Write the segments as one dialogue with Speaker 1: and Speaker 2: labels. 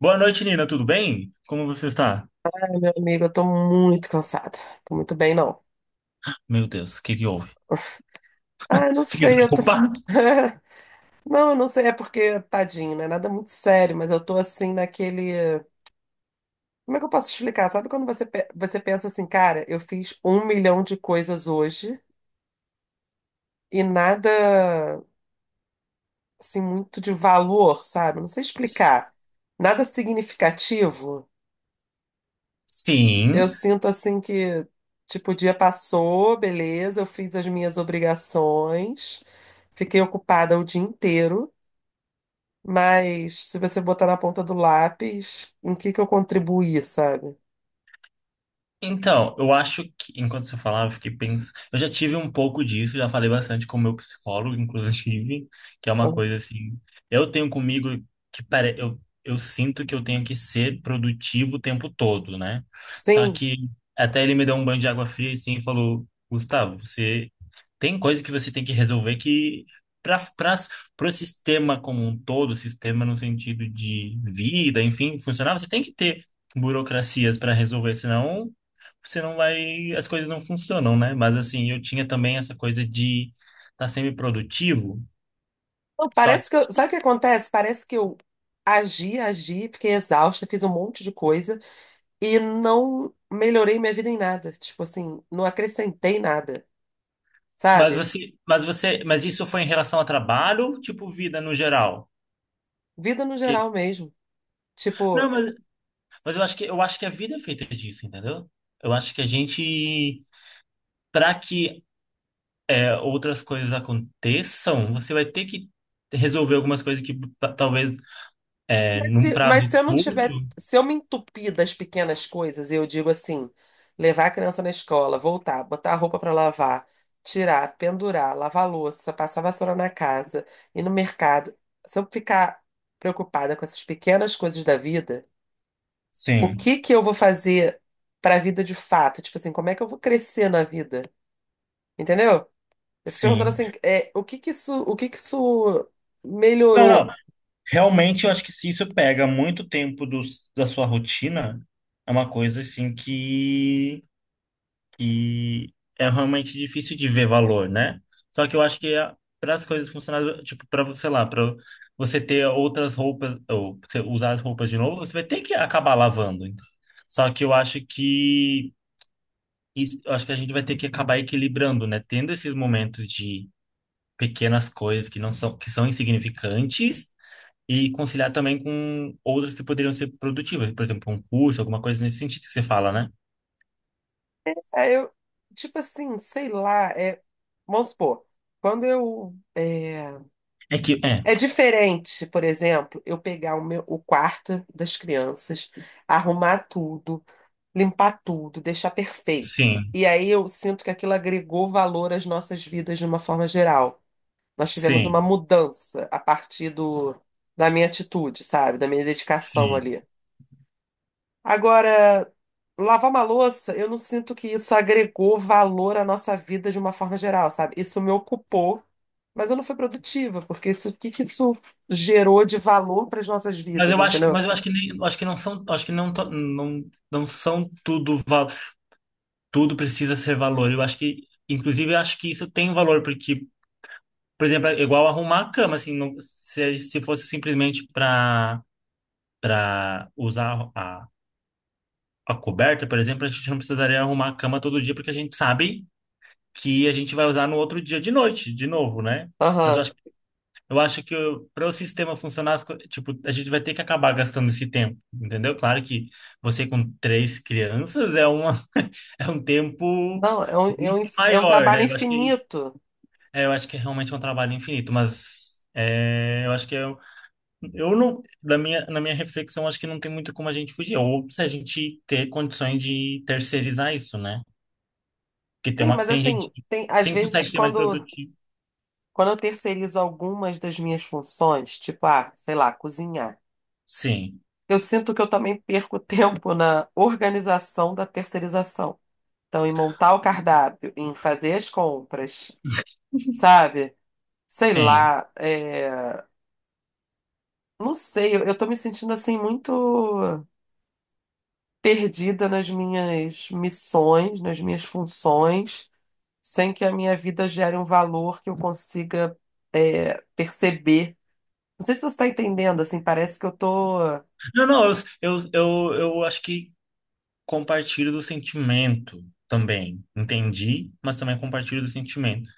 Speaker 1: Boa noite, Nina. Tudo bem? Como você está?
Speaker 2: Meu amigo, eu tô muito cansada. Tô muito bem, não.
Speaker 1: Meu Deus, o que que houve?
Speaker 2: Eu não
Speaker 1: Fiquei
Speaker 2: sei, eu tô.
Speaker 1: preocupado.
Speaker 2: Não, eu não sei, é porque, tadinho, não é nada muito sério, mas eu tô assim naquele. Como é que eu posso explicar? Sabe quando você, você pensa assim, cara, eu fiz um milhão de coisas hoje e nada, assim, muito de valor, sabe? Não sei explicar. Nada significativo.
Speaker 1: Sim.
Speaker 2: Eu sinto assim que, tipo, o dia passou, beleza, eu fiz as minhas obrigações, fiquei ocupada o dia inteiro, mas se você botar na ponta do lápis, em que eu contribuí, sabe?
Speaker 1: Então, eu acho que, enquanto você falava, eu fiquei pensando. Eu já tive um pouco disso, já falei bastante com o meu psicólogo, inclusive, que é uma
Speaker 2: Aham.
Speaker 1: coisa assim. Eu tenho comigo que pare... eu sinto que eu tenho que ser produtivo o tempo todo, né? Só
Speaker 2: Sim.
Speaker 1: que até ele me deu um banho de água fria assim, e falou: Gustavo, você tem coisa que você tem que resolver que. Para o sistema como um todo, sistema no sentido de vida, enfim, funcionar, você tem que ter burocracias para resolver, senão você não vai, as coisas não funcionam, né? Mas assim, eu tinha também essa coisa de estar tá sempre produtivo,
Speaker 2: Não,
Speaker 1: só
Speaker 2: parece que eu, sabe o que acontece? Parece que eu agi, agi, fiquei exausta, fiz um monte de coisa e não melhorei minha vida em nada. Tipo assim, não acrescentei nada,
Speaker 1: mas
Speaker 2: sabe?
Speaker 1: você, mas você, mas isso foi em relação a trabalho, tipo vida no geral?
Speaker 2: Vida no
Speaker 1: Que,
Speaker 2: geral mesmo.
Speaker 1: não,
Speaker 2: Tipo,
Speaker 1: mas eu acho que a vida é feita disso, entendeu? Eu acho que a gente, para que é, outras coisas aconteçam, você vai ter que resolver algumas coisas que pa- talvez é,
Speaker 2: Mas
Speaker 1: num
Speaker 2: se, mas se
Speaker 1: prazo
Speaker 2: eu não
Speaker 1: curto.
Speaker 2: tiver, se eu me entupir das pequenas coisas, eu digo assim, levar a criança na escola, voltar, botar a roupa para lavar, tirar, pendurar, lavar a louça, passar vassoura na casa, ir no mercado. Se eu ficar preocupada com essas pequenas coisas da vida, o
Speaker 1: Sim,
Speaker 2: que que eu vou fazer para a vida de fato? Tipo assim, como é que eu vou crescer na vida? Entendeu? Eu fico perguntando
Speaker 1: sim.
Speaker 2: assim, o que que isso, o que que isso
Speaker 1: Não,
Speaker 2: melhorou?
Speaker 1: não. Realmente, eu acho que se isso pega muito tempo do, da sua rotina, é uma coisa assim que é realmente difícil de ver valor, né? Só que eu acho que para as coisas funcionarem, tipo, para, sei lá, para você ter outras roupas, ou você usar as roupas de novo, você vai ter que acabar lavando. Só que eu acho que isso- eu acho que a gente vai ter que acabar equilibrando, né? Tendo esses momentos de pequenas coisas que não são, que são insignificantes e conciliar também com outras que poderiam ser produtivas, por exemplo, um curso, alguma coisa nesse sentido que você fala, né?
Speaker 2: Aí eu, tipo assim, sei lá, vamos supor, quando eu. É,
Speaker 1: É que, é,
Speaker 2: é diferente, por exemplo, eu pegar o meu, o quarto das crianças, arrumar tudo, limpar tudo, deixar perfeito.
Speaker 1: sim,
Speaker 2: E aí eu sinto que aquilo agregou valor às nossas vidas de uma forma geral. Nós tivemos uma
Speaker 1: sim,
Speaker 2: mudança a partir do, da minha atitude, sabe? Da minha dedicação
Speaker 1: sim.
Speaker 2: ali. Agora, lavar uma louça, eu não sinto que isso agregou valor à nossa vida de uma forma geral, sabe? Isso me ocupou, mas eu não fui produtiva, porque isso, o que que isso gerou de valor para as nossas
Speaker 1: Mas
Speaker 2: vidas,
Speaker 1: eu acho que,
Speaker 2: entendeu?
Speaker 1: mas eu acho que nem, eu acho que não são, acho que não, to- não, não são tudo, val- tudo precisa ser valor. Eu acho que, inclusive, eu acho que isso tem valor, porque, por exemplo, é igual arrumar a cama, assim, não- se fosse simplesmente para usar a coberta, por exemplo, a gente não precisaria arrumar a cama todo dia, porque a gente sabe que a gente vai usar no outro dia de noite, de novo, né? Mas
Speaker 2: Aham.
Speaker 1: eu acho que para o sistema funcionar, as co- tipo, a gente vai ter que acabar gastando esse tempo, entendeu? Claro que você com três crianças é uma, é um tempo
Speaker 2: Não, é um, é um,
Speaker 1: muito
Speaker 2: é um
Speaker 1: maior,
Speaker 2: trabalho
Speaker 1: né? Eu acho que,
Speaker 2: infinito.
Speaker 1: é, eu acho que é realmente um trabalho infinito, mas é, eu acho que eu não, na minha reflexão, acho que não tem muito como a gente fugir, ou se a gente ter condições de terceirizar isso, né? Porque tem
Speaker 2: Sim,
Speaker 1: uma,
Speaker 2: mas
Speaker 1: tem
Speaker 2: assim,
Speaker 1: gente,
Speaker 2: tem, às
Speaker 1: quem
Speaker 2: vezes
Speaker 1: consegue ser mais
Speaker 2: quando,
Speaker 1: produtivo.
Speaker 2: quando eu terceirizo algumas das minhas funções, tipo, sei lá, cozinhar,
Speaker 1: Sim,
Speaker 2: eu sinto que eu também perco tempo na organização da terceirização. Então, em montar o cardápio, em fazer as compras, sabe? Sei
Speaker 1: sim.
Speaker 2: lá, não sei, eu tô me sentindo assim muito perdida nas minhas missões, nas minhas funções, sem que a minha vida gere um valor que eu consiga perceber. Não sei se você tá entendendo, assim, parece que eu tô.
Speaker 1: Não, não, eu acho que compartilho do sentimento também. Entendi, mas também compartilho do sentimento.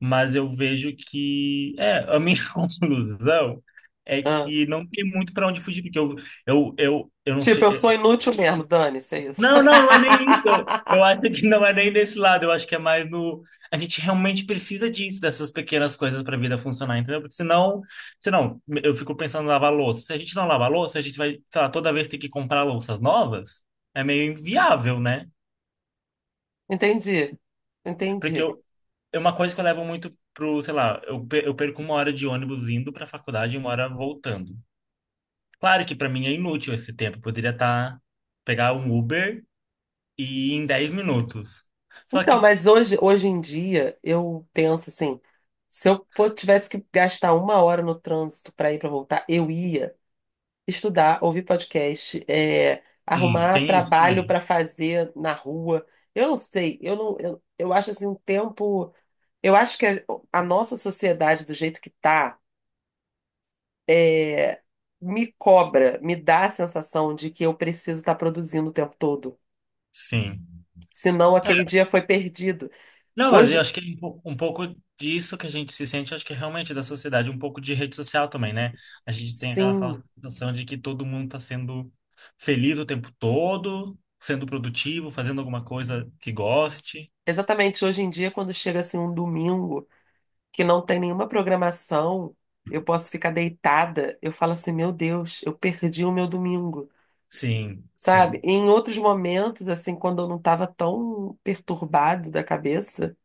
Speaker 1: Mas eu vejo que, é, a minha conclusão é
Speaker 2: Ah,
Speaker 1: que não tem muito para onde fugir, porque eu não
Speaker 2: tipo, eu sou
Speaker 1: sei.
Speaker 2: inútil mesmo, dane-se, é isso.
Speaker 1: Não, não, não é nem isso. Eu acho que não é nem desse lado. Eu acho que é mais no. A gente realmente precisa disso, dessas pequenas coisas para a vida funcionar, entendeu? Porque senão, senão, eu fico pensando em lavar louça. Se a gente não lavar louça, a gente vai, sei lá, toda vez ter que comprar louças novas. É meio inviável, né?
Speaker 2: Entendi,
Speaker 1: Porque
Speaker 2: entendi.
Speaker 1: eu, é uma coisa que eu levo muito pro, sei lá, eu, pe- eu perco uma hora de ônibus indo para a faculdade e uma hora voltando. Claro que para mim é inútil esse tempo. Eu poderia estar, pegar um Uber e ir em 10 minutos. Só
Speaker 2: Então,
Speaker 1: que
Speaker 2: mas hoje, hoje em dia, eu penso assim, se eu fosse, tivesse que gastar uma hora no trânsito para ir para voltar, eu ia estudar, ouvir podcast,
Speaker 1: sim,
Speaker 2: arrumar
Speaker 1: tem isso
Speaker 2: trabalho
Speaker 1: também.
Speaker 2: para fazer na rua. Eu não sei, eu não, eu acho assim um tempo, eu acho que a nossa sociedade do jeito que tá, é, me cobra, me dá a sensação de que eu preciso estar produzindo o tempo todo.
Speaker 1: Sim.
Speaker 2: Senão aquele dia foi perdido.
Speaker 1: Não, mas eu
Speaker 2: Hoje,
Speaker 1: acho que é um pouco disso que a gente se sente, acho que é realmente da sociedade, um pouco de rede social também, né? A gente tem aquela
Speaker 2: sim.
Speaker 1: fala- sensação de que todo mundo está sendo feliz o tempo todo, sendo produtivo, fazendo alguma coisa que goste.
Speaker 2: Exatamente, hoje em dia, quando chega assim um domingo que não tem nenhuma programação, eu posso ficar deitada, eu falo assim, meu Deus, eu perdi o meu domingo,
Speaker 1: Sim,
Speaker 2: sabe?
Speaker 1: sim,
Speaker 2: E em outros momentos, assim, quando eu não estava tão perturbado da cabeça,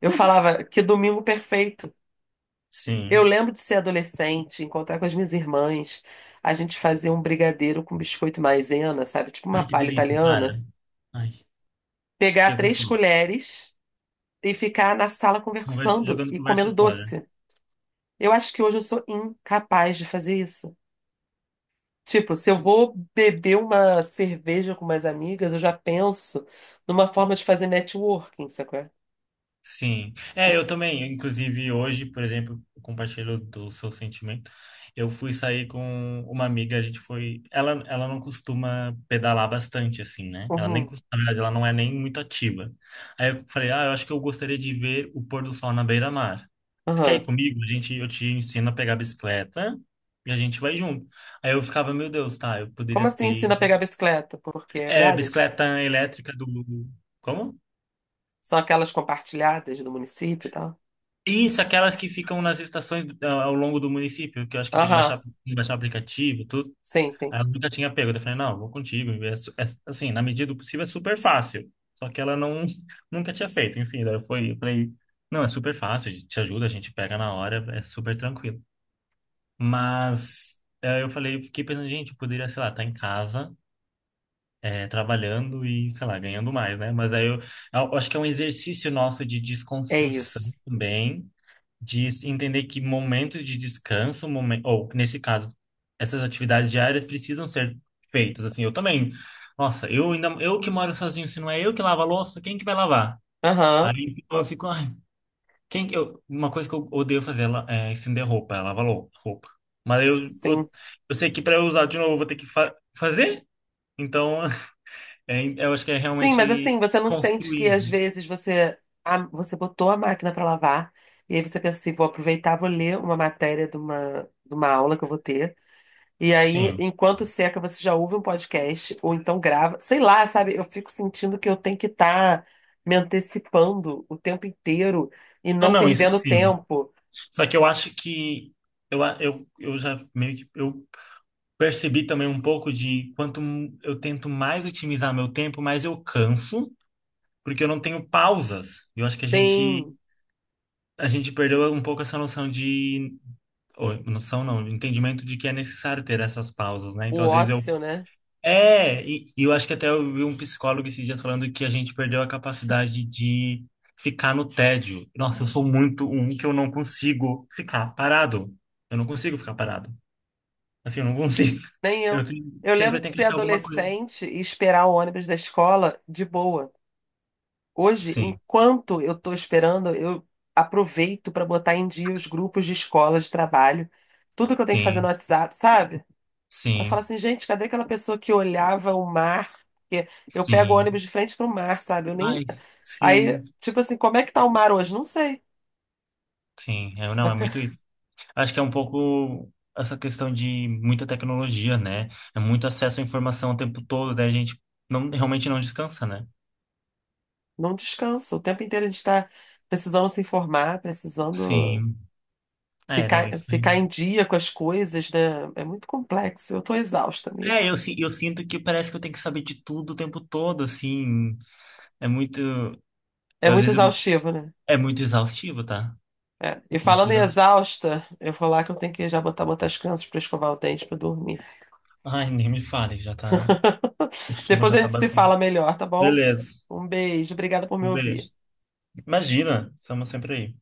Speaker 2: eu falava, que domingo perfeito. Eu
Speaker 1: sim.
Speaker 2: lembro de ser adolescente, encontrar com as minhas irmãs, a gente fazer um brigadeiro com biscoito maisena, sabe? Tipo uma
Speaker 1: Ai, que
Speaker 2: palha
Speaker 1: delícia, para.
Speaker 2: italiana,
Speaker 1: Ai,
Speaker 2: pegar
Speaker 1: fiquei com
Speaker 2: três
Speaker 1: fome.
Speaker 2: colheres e ficar na sala
Speaker 1: Conversa-
Speaker 2: conversando
Speaker 1: jogando
Speaker 2: e
Speaker 1: conversa
Speaker 2: comendo
Speaker 1: fora.
Speaker 2: doce. Eu acho que hoje eu sou incapaz de fazer isso. Tipo, se eu vou beber uma cerveja com umas amigas, eu já penso numa forma de fazer networking, sacou?
Speaker 1: Sim. É, eu também. Inclusive, hoje, por exemplo, eu compartilho do seu sentimento. Eu fui sair com uma amiga, a gente foi. Ela não costuma pedalar bastante, assim, né? Ela nem
Speaker 2: Uhum,
Speaker 1: costuma, na verdade, ela não é nem muito ativa. Aí eu falei, ah, eu acho que eu gostaria de ver o pôr do sol na beira-mar. Você quer ir
Speaker 2: uhum.
Speaker 1: comigo? A gente, eu te ensino a pegar a bicicleta e a gente vai junto. Aí eu ficava, meu Deus, tá, eu
Speaker 2: Como
Speaker 1: poderia
Speaker 2: assim
Speaker 1: ter.
Speaker 2: ensina a pegar bicicleta? Porque
Speaker 1: É,
Speaker 2: compartilhadas?
Speaker 1: bicicleta elétrica do. Como?
Speaker 2: São aquelas compartilhadas do município e tal?
Speaker 1: Isso, aquelas que ficam nas estações ah, ao longo do município, que eu acho que tem que
Speaker 2: Aham,
Speaker 1: baixar, o aplicativo, e tudo.
Speaker 2: sim, sim.
Speaker 1: Aí eu nunca tinha pego. Eu falei, não, vou contigo. É su- é- assim, na medida do possível é super fácil. Só que ela não, nunca tinha feito. Enfim, daí eu fui, eu falei, não, é super fácil, te ajuda, a gente pega na hora, é super tranquilo. Mas eu falei, eu fiquei pensando, gente, eu poderia, sei lá, estar em casa, trabalhando e, sei lá, ganhando mais, né? Mas aí eu acho que é um exercício nosso de
Speaker 2: É
Speaker 1: desconstrução
Speaker 2: isso.
Speaker 1: também de entender que momentos de descanso, momen- ou nesse caso, essas atividades diárias precisam ser feitas. Assim, eu também. Nossa, eu ainda, eu que moro sozinho, se não é eu que lavo a louça, quem que vai lavar?
Speaker 2: Aham,
Speaker 1: Aí eu fico, ai, quem que eu, uma coisa que eu odeio fazer é la- é estender roupa, é lavar lou- roupa. Mas
Speaker 2: sim.
Speaker 1: eu sei que para eu usar de novo eu vou ter que fa fazer. Então, é, eu acho que é
Speaker 2: Sim, mas
Speaker 1: realmente
Speaker 2: assim, você não sente que
Speaker 1: construir.
Speaker 2: às
Speaker 1: Né?
Speaker 2: vezes você, você botou a máquina para lavar e aí você pensa assim, vou aproveitar, vou ler uma matéria de uma aula que eu vou ter. E aí,
Speaker 1: Sim.
Speaker 2: enquanto seca, você já ouve um podcast ou então grava. Sei lá, sabe? Eu fico sentindo que eu tenho que estar me antecipando o tempo inteiro e
Speaker 1: Ah,
Speaker 2: não
Speaker 1: não, isso
Speaker 2: perdendo
Speaker 1: sim.
Speaker 2: tempo
Speaker 1: Só que eu acho que eu, a- eu, eu já meio que eu percebi também um pouco de quanto m- eu tento mais otimizar meu tempo, mais eu canso, porque eu não tenho pausas. Eu acho que a gente
Speaker 2: sem
Speaker 1: perdeu um pouco essa noção de ou, noção não, entendimento de que é necessário ter essas pausas, né? Então,
Speaker 2: o
Speaker 1: às vezes eu
Speaker 2: ócio, né?
Speaker 1: é, e eu acho que até eu vi um psicólogo esses dias falando que a gente perdeu a capacidade de ficar no tédio. Nossa, eu sou muito um que eu não consigo ficar parado. Eu não consigo ficar parado. Assim, eu não consigo.
Speaker 2: Nem
Speaker 1: Eu
Speaker 2: eu.
Speaker 1: tenho-
Speaker 2: Eu lembro
Speaker 1: sempre
Speaker 2: de
Speaker 1: tenho que
Speaker 2: ser
Speaker 1: achar alguma coisa.
Speaker 2: adolescente e esperar o ônibus da escola de boa. Hoje,
Speaker 1: Sim,
Speaker 2: enquanto eu estou esperando, eu aproveito para botar em dia os grupos de escola, de trabalho, tudo que eu tenho que fazer no
Speaker 1: sim,
Speaker 2: WhatsApp, sabe? Eu falo
Speaker 1: sim,
Speaker 2: assim, gente, cadê aquela pessoa que olhava o mar? Porque eu pego o ônibus
Speaker 1: sim.
Speaker 2: de frente para o mar, sabe? Eu nem.
Speaker 1: Ai,
Speaker 2: Aí,
Speaker 1: sim,
Speaker 2: tipo assim, como é que tá o mar hoje? Não sei.
Speaker 1: sim. Eu
Speaker 2: Só
Speaker 1: não, é
Speaker 2: que
Speaker 1: muito isso. Acho que é um pouco essa questão de muita tecnologia, né? É muito acesso à informação o tempo todo, daí a gente não, realmente não descansa, né?
Speaker 2: não descansa. O tempo inteiro a gente está precisando se informar, precisando
Speaker 1: Sim. É, não, isso.
Speaker 2: ficar em dia com as coisas, né? É muito complexo. Eu estou exausta, amigo.
Speaker 1: É, eu, si- eu sinto que parece que eu tenho que saber de tudo o tempo todo, assim. É muito. Eu,
Speaker 2: É
Speaker 1: às
Speaker 2: muito
Speaker 1: vezes eu-
Speaker 2: exaustivo, né?
Speaker 1: é muito exaustivo, tá?
Speaker 2: É, E
Speaker 1: Muito
Speaker 2: falando em
Speaker 1: exaustivo.
Speaker 2: exausta, eu vou lá que eu tenho que já botar, botar as crianças para escovar o dente para dormir.
Speaker 1: Ai, nem me fale, já tá. O sono
Speaker 2: Depois
Speaker 1: já
Speaker 2: a
Speaker 1: tá
Speaker 2: gente se
Speaker 1: batendo.
Speaker 2: fala melhor, tá bom?
Speaker 1: Beleza.
Speaker 2: Um beijo, obrigada por me
Speaker 1: Um beijo.
Speaker 2: ouvir.
Speaker 1: Imagina, estamos sempre aí.